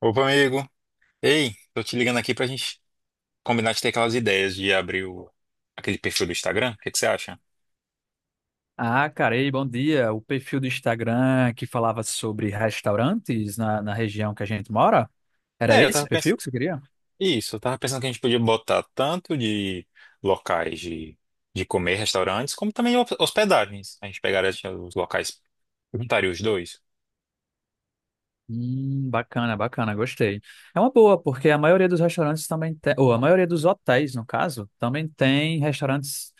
Opa, amigo. Ei, tô te ligando aqui pra gente combinar de ter aquelas ideias de abrir aquele perfil do Instagram. O que que você acha? Ah, cara, ei, bom dia. O perfil do Instagram que falava sobre restaurantes na região que a gente mora, era É, eu esse tava pensando. perfil que você queria? Isso, eu tava pensando que a gente podia botar tanto de locais de, comer, restaurantes, como também hospedagens. A gente pegaria assim, os locais, juntaria os dois. Bacana, bacana, gostei. É uma boa, porque a maioria dos restaurantes também tem, ou a maioria dos hotéis, no caso, também tem restaurantes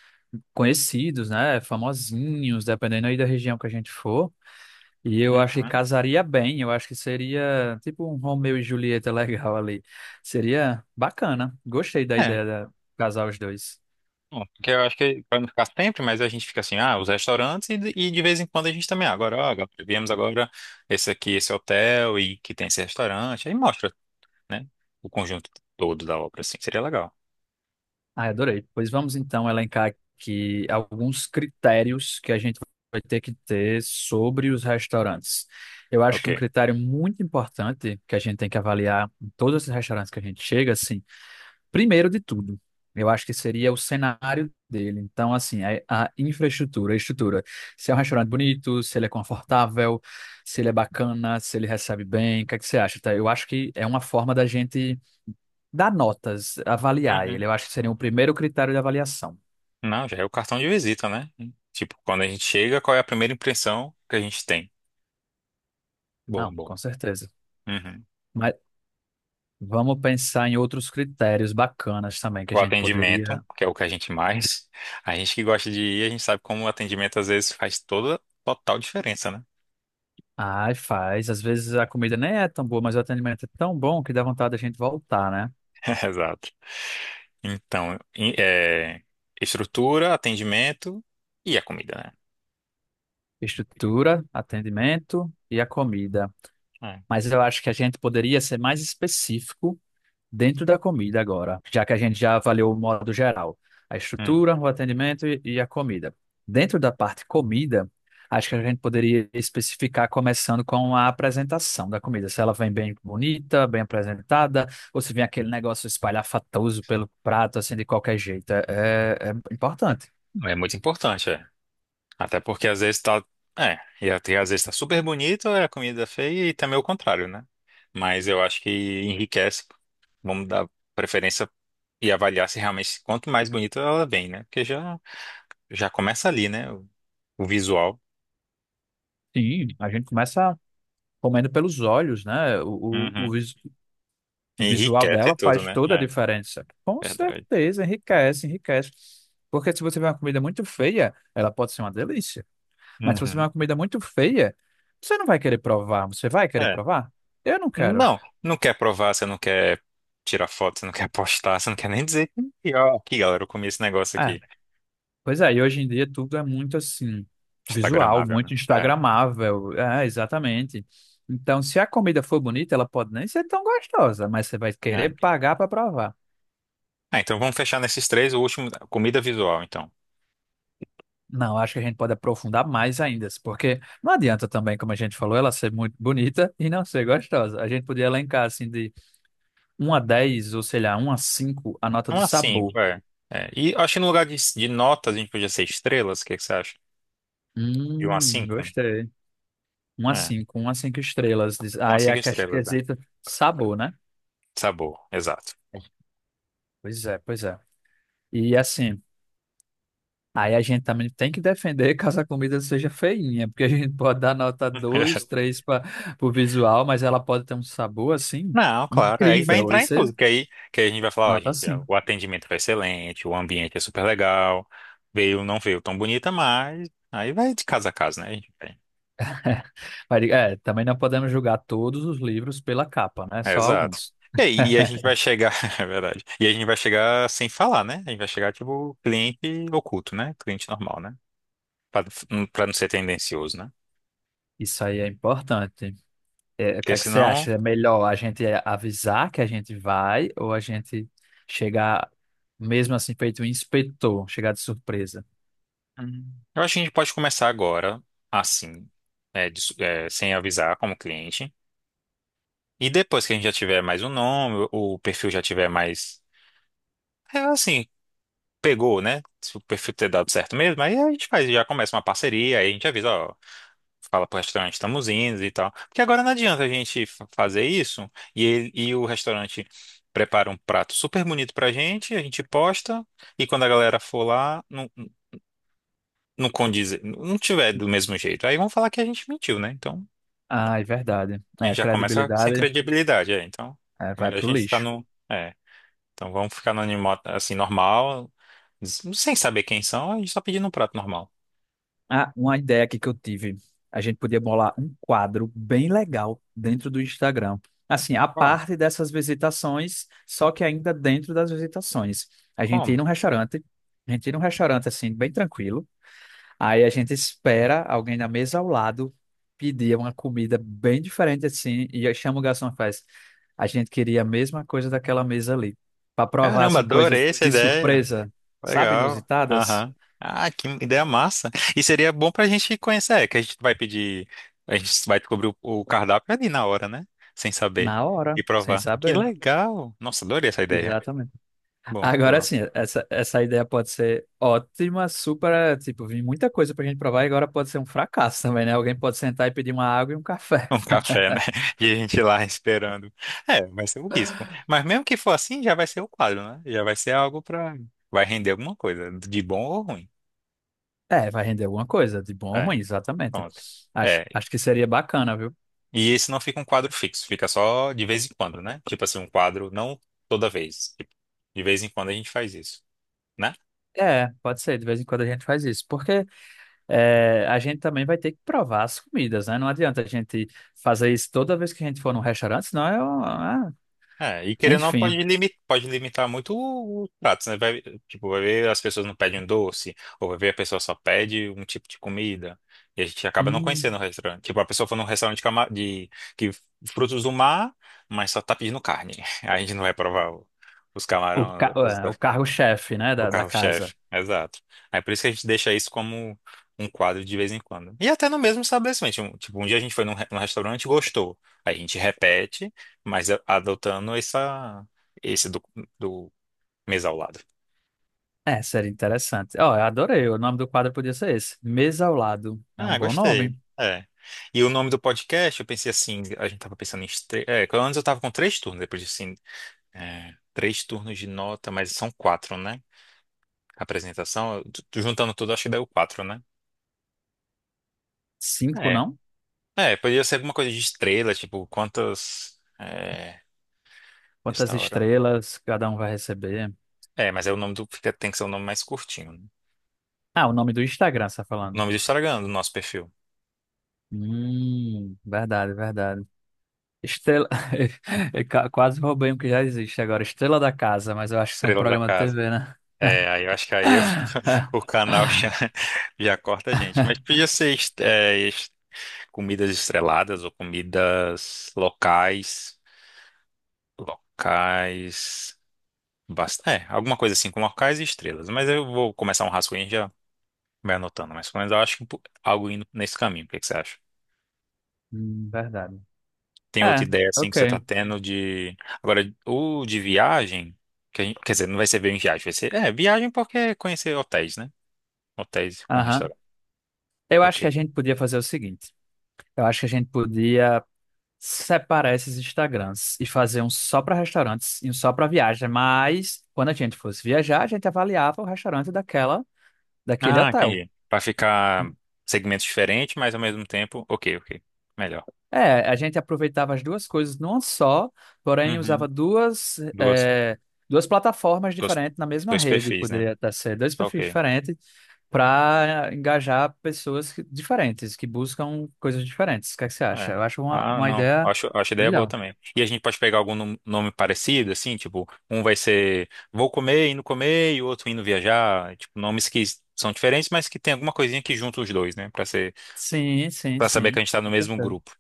conhecidos, né? Famosinhos, dependendo aí da região que a gente for. E eu acho que Uhum. casaria bem, eu acho que seria tipo um Romeu e Julieta legal ali. Seria bacana. Gostei da É, ideia de casar os dois. bom, porque eu acho que vai não ficar sempre, mas a gente fica assim, ah, os restaurantes e, de vez em quando a gente também, ah, agora, ó, agora viemos agora esse aqui, esse hotel e que tem esse restaurante, aí mostra, né? O conjunto todo da obra, assim, seria legal. Ah, adorei. Pois vamos então elencar aqui alguns critérios que a gente vai ter que ter sobre os restaurantes. Eu acho Ok. que um critério muito importante que a gente tem que avaliar em todos esses restaurantes que a gente chega, assim, primeiro de tudo, eu acho que seria o cenário dele. Então, assim, a infraestrutura, a estrutura. Se é um restaurante bonito, se ele é confortável, se ele é bacana, se ele recebe bem, o que é que você acha, tá? Eu acho que é uma forma da gente dar notas, avaliar ele, Uhum. eu acho que seria o primeiro critério de avaliação. Não, já é o cartão de visita, né? Tipo, quando a gente chega, qual é a primeira impressão que a gente tem? Bom, Não, bom. com certeza. Uhum. Mas vamos pensar em outros critérios bacanas também que a O gente atendimento, poderia. que é o que a gente mais. A gente que gosta de ir, a gente sabe como o atendimento às vezes faz toda total diferença, né? Ai, faz. Às vezes a comida nem é tão boa, mas o atendimento é tão bom que dá vontade da gente voltar, né? Exato. Então, estrutura, atendimento e a comida, né? Estrutura, atendimento e a comida. É. Mas eu acho que a gente poderia ser mais específico dentro da comida agora, já que a gente já avaliou o modo geral, a Hum. estrutura, o atendimento e a comida. Dentro da parte comida, acho que a gente poderia especificar começando com a apresentação da comida, se ela vem bem bonita, bem apresentada, ou se vem aquele negócio espalhafatoso pelo prato, assim, de qualquer jeito. É importante. É muito importante, é. Até porque às vezes tá. É, e até às vezes tá super bonito, é a comida é feia e também o contrário, né? Mas eu acho que enriquece. Vamos dar preferência e avaliar se realmente quanto mais bonita ela vem, né? Porque já, já começa ali, né? O visual. Sim, a gente começa comendo pelos olhos, né? O, o, o, Uhum. vis- O visual Enriquece dela tudo, faz né? toda a É, diferença. Com verdade. certeza, enriquece, enriquece. Porque se você vê uma comida muito feia, ela pode ser uma delícia. Mas se você vê Uhum. uma comida muito feia, você não vai querer provar. Você vai querer É. provar? Eu não quero. Não, não quer provar, você não quer tirar foto, você não quer postar, você não quer nem dizer que, ó, aqui, galera, eu comi esse negócio Ah, aqui. pois é, e hoje em dia tudo é muito assim, visual, Instagramável, né? muito É, instagramável. É, exatamente. Então, se a comida for bonita, ela pode nem ser tão gostosa, mas você vai é. querer pagar para provar. Ah, então vamos fechar nesses três, o último, comida visual, então. Não, acho que a gente pode aprofundar mais ainda, porque não adianta também, como a gente falou, ela ser muito bonita e não ser gostosa. A gente podia elencar assim de um a 10, ou sei lá, 1 a cinco, a nota de Uma sabor. cinco, é. É, e acho que no lugar de, notas a gente podia ser estrelas, o que que você acha? De uma a cinco? Gostei. Um a É, cinco, um a cinco estrelas. Uma a Aí a cinco ques- estrelas, é. quesito sabor, né? Sabor, exato. Pois é, pois é. E assim, aí a gente também tem que defender caso a comida seja feinha, porque a gente pode dar nota 2, 3 para o visual, mas ela pode ter um sabor assim Não, claro, aí vai incrível. entrar em Isso é tudo, que aí a gente vai falar, ó, nota gente, 5. o atendimento foi excelente, o ambiente é super legal, veio, não veio tão bonita, mas aí vai de casa a casa, né? A gente vai. Mas, é, também não podemos julgar todos os livros pela capa, né? É, Só exato. alguns. É, e aí, e a gente vai chegar, é verdade. E a gente vai chegar sem falar, né? A gente vai chegar tipo cliente oculto, né? Cliente normal, né? Pra, pra não ser tendencioso, né? Isso aí é importante. É, o que Porque é que você senão. acha? É melhor a gente avisar que a gente vai ou a gente chegar, mesmo assim, feito um inspetor, chegar de surpresa? Hum. Eu acho que a gente pode começar agora, assim, é, sem avisar como cliente. E depois que a gente já tiver mais um nome, o perfil já tiver mais, é, assim, pegou, né? Se o perfil ter dado certo mesmo, aí a gente faz, já começa uma parceria, aí a gente avisa, ó, fala pro restaurante, estamos indo e tal. Porque agora não adianta a gente fazer isso e, ele, e o restaurante prepara um prato super bonito pra gente, a gente posta, e quando a galera for lá, não, não condiz, não tiver do mesmo jeito. Aí vão falar que a gente mentiu, né? Então, Ah, é verdade. a É, gente a já começa sem credibilidade, credibilidade, é. Então, é, é vai melhor a pro gente ficar lixo. no. É, então vamos ficar no assim, normal, sem saber quem são, a gente só pedindo um prato normal. Ah, uma ideia aqui que eu tive. A gente podia bolar um quadro bem legal dentro do Instagram. Assim, a Qual. parte dessas visitações, só que ainda dentro das visitações. A gente ir Como? num restaurante, a gente ir num restaurante assim, bem tranquilo. Aí a gente espera alguém na mesa ao lado pedir uma comida bem diferente assim, e aí chama o garçom e faz. A gente queria a mesma coisa daquela mesa ali. Para provar Caramba, assim, coisas adorei essa de ideia. surpresa, sabe, Legal. inusitadas, Aham. Ah, que ideia massa. E seria bom pra gente conhecer, é, que a gente vai pedir, a gente vai descobrir o cardápio ali na hora, né? Sem saber. na hora, E sem provar. Que saber. legal. Nossa, adorei essa ideia. Exatamente. Bom, Agora por sim, essa ideia pode ser ótima, super, tipo, vem muita coisa pra gente provar e agora pode ser um fracasso também, né? Alguém pode sentar e pedir uma água e um café. um café, né? E a gente lá esperando. É, vai ser o risco. Mas mesmo que for assim, já vai ser o quadro, né? Já vai ser algo pra. Vai render alguma coisa, de bom ou ruim. É, vai render alguma coisa, de bom ou É, ruim, exatamente. pronto. Acho, É, acho que seria bacana, viu? e esse não fica um quadro fixo, fica só de vez em quando, né? Tipo assim, um quadro, não toda vez. Tipo, de vez em quando a gente faz isso, né? É, pode ser, de vez em quando a gente faz isso, porque é, a gente também vai ter que provar as comidas, né? Não adianta a gente fazer isso toda vez que a gente for num restaurante, senão é, É, e querendo ou não, enfim. Pode limitar muito o prato, né? Vai, tipo, vai ver as pessoas não pedem um doce, ou vai ver a pessoa só pede um tipo de comida, e a gente acaba não Hum, conhecendo o restaurante. Tipo, a pessoa foi num restaurante de que frutos do mar, mas só tá pedindo carne. A gente não vai provar os o, ca- camarões. é, o cargo-chefe, né, O da carro-chefe, casa. exato. Aí por isso que a gente deixa isso como um quadro de vez em quando. E até no mesmo estabelecimento. Tipo, um dia a gente foi num restaurante e gostou. Aí a gente repete, mas adotando essa, esse do, do mesa ao lado. É, seria interessante. Ó, eu adorei. O nome do quadro podia ser esse. Mesa ao lado. É um Ah, bom nome. gostei. É. E o nome do podcast, eu pensei assim, a gente tava pensando em, que antes eu tava com três turnos, depois disse assim, é, três turnos de nota, mas são quatro, né? A apresentação, tu juntando tudo, acho que deu quatro, né? Cinco, É. não? É, podia ser alguma coisa de estrela, tipo, quantas. É, Quantas restaurante. estrelas cada um vai receber? É, mas é o nome do. Tem que ser o nome mais curtinho, né? Ah, o nome do Instagram, você tá O falando. nome do Instagram do nosso perfil. Verdade, verdade. Estrela. Eu quase roubei um que já existe agora. Estrela da Casa, mas eu acho que isso é um Estrela da programa de Casa. TV, né? É, aí eu acho que aí eu- o canal já, já corta a gente. Mas podia ser comidas estreladas ou comidas locais. Locais. Basta, é, alguma coisa assim, com locais e estrelas. Mas eu vou começar um rascunho e já vai anotando. Mas pelo menos eu acho que um algo indo nesse caminho. O que que você acha? Verdade. Tem É, outra ideia assim que você ok. tá tendo de. Agora, o de viagem, que quer dizer, não vai ser bem viagem, vai ser. É, viagem porque é conhecer hotéis, né? Hotéis com Aham. restaurante. Eu acho Ok. que a gente podia fazer o seguinte. Eu acho que a gente podia separar esses Instagrams e fazer um só para restaurantes e um só para viagem, mas quando a gente fosse viajar, a gente avaliava o restaurante daquela, daquele Ah, hotel. entendi. Pra ficar segmentos diferentes, mas ao mesmo tempo. Ok, ok. Melhor. É, a gente aproveitava as duas coisas numa só, porém Uhum. usava duas, Duas, é, duas plataformas duas, diferentes na mesma dois rede, perfis, né? poderia até ser dois Tá perfis ok. diferentes para engajar pessoas diferentes, que buscam coisas diferentes. O que é que você É. acha? Eu acho uma, Ah, uma não. ideia Acho ideia boa melhor. também. E a gente pode pegar algum nome parecido, assim, tipo, um vai ser vou comer, indo comer, e o outro indo viajar. Tipo, nomes que são diferentes, mas que tem alguma coisinha que junta os dois, né? Pra ser, Sim, sim, pra saber que a sim. gente tá no mesmo grupo.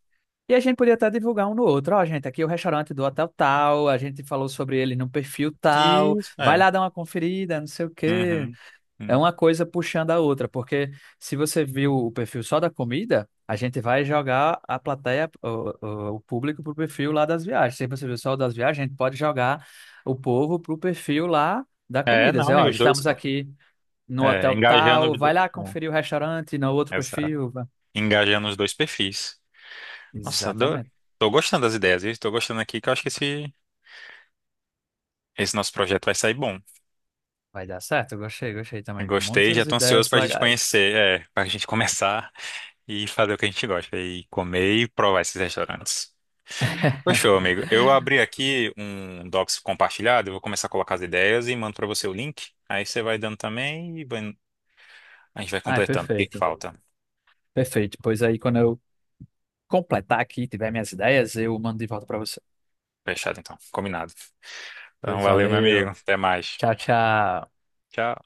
E a gente podia até divulgar um no outro. Ó, gente, aqui é o restaurante do hotel tal, a gente falou sobre ele no perfil tal, Isso, vai é. lá dar uma conferida, não sei o quê. Uhum. É Hum. uma coisa puxando a outra, porque se você viu o perfil só da comida, a gente vai jogar a plateia, o público pro perfil lá das viagens. Se você viu só o das viagens, a gente pode jogar o povo pro perfil lá da É, comida. Dizer, não, e ó, os dois. estamos aqui no É, hotel engajando tal, os dois. vai lá É, conferir o restaurante no outro exato. perfil. Engajando os dois perfis. Nossa, adoro. Exatamente. Tô gostando das ideias, viu? Tô gostando aqui que eu acho que esse nosso projeto vai sair bom. Vai dar certo, gostei, gostei também. Gostei, já Muitas tô ansioso ideias pra gente legais. conhecer, é, pra gente começar e fazer o que a gente gosta, e comer e provar esses restaurantes. Fechou, amigo. Eu abri aqui um docs compartilhado, eu vou começar a colocar as ideias e mando pra você o link. Aí você vai dando também e a gente vai Ah, é completando. O que que perfeito, falta? perfeito. Pois aí, quando eu completar aqui, tiver minhas ideias, eu mando de volta para você. Fechado, então. Combinado. Então, Pois valeu, meu amigo. valeu. Até mais. Tchau, tchau. Tchau.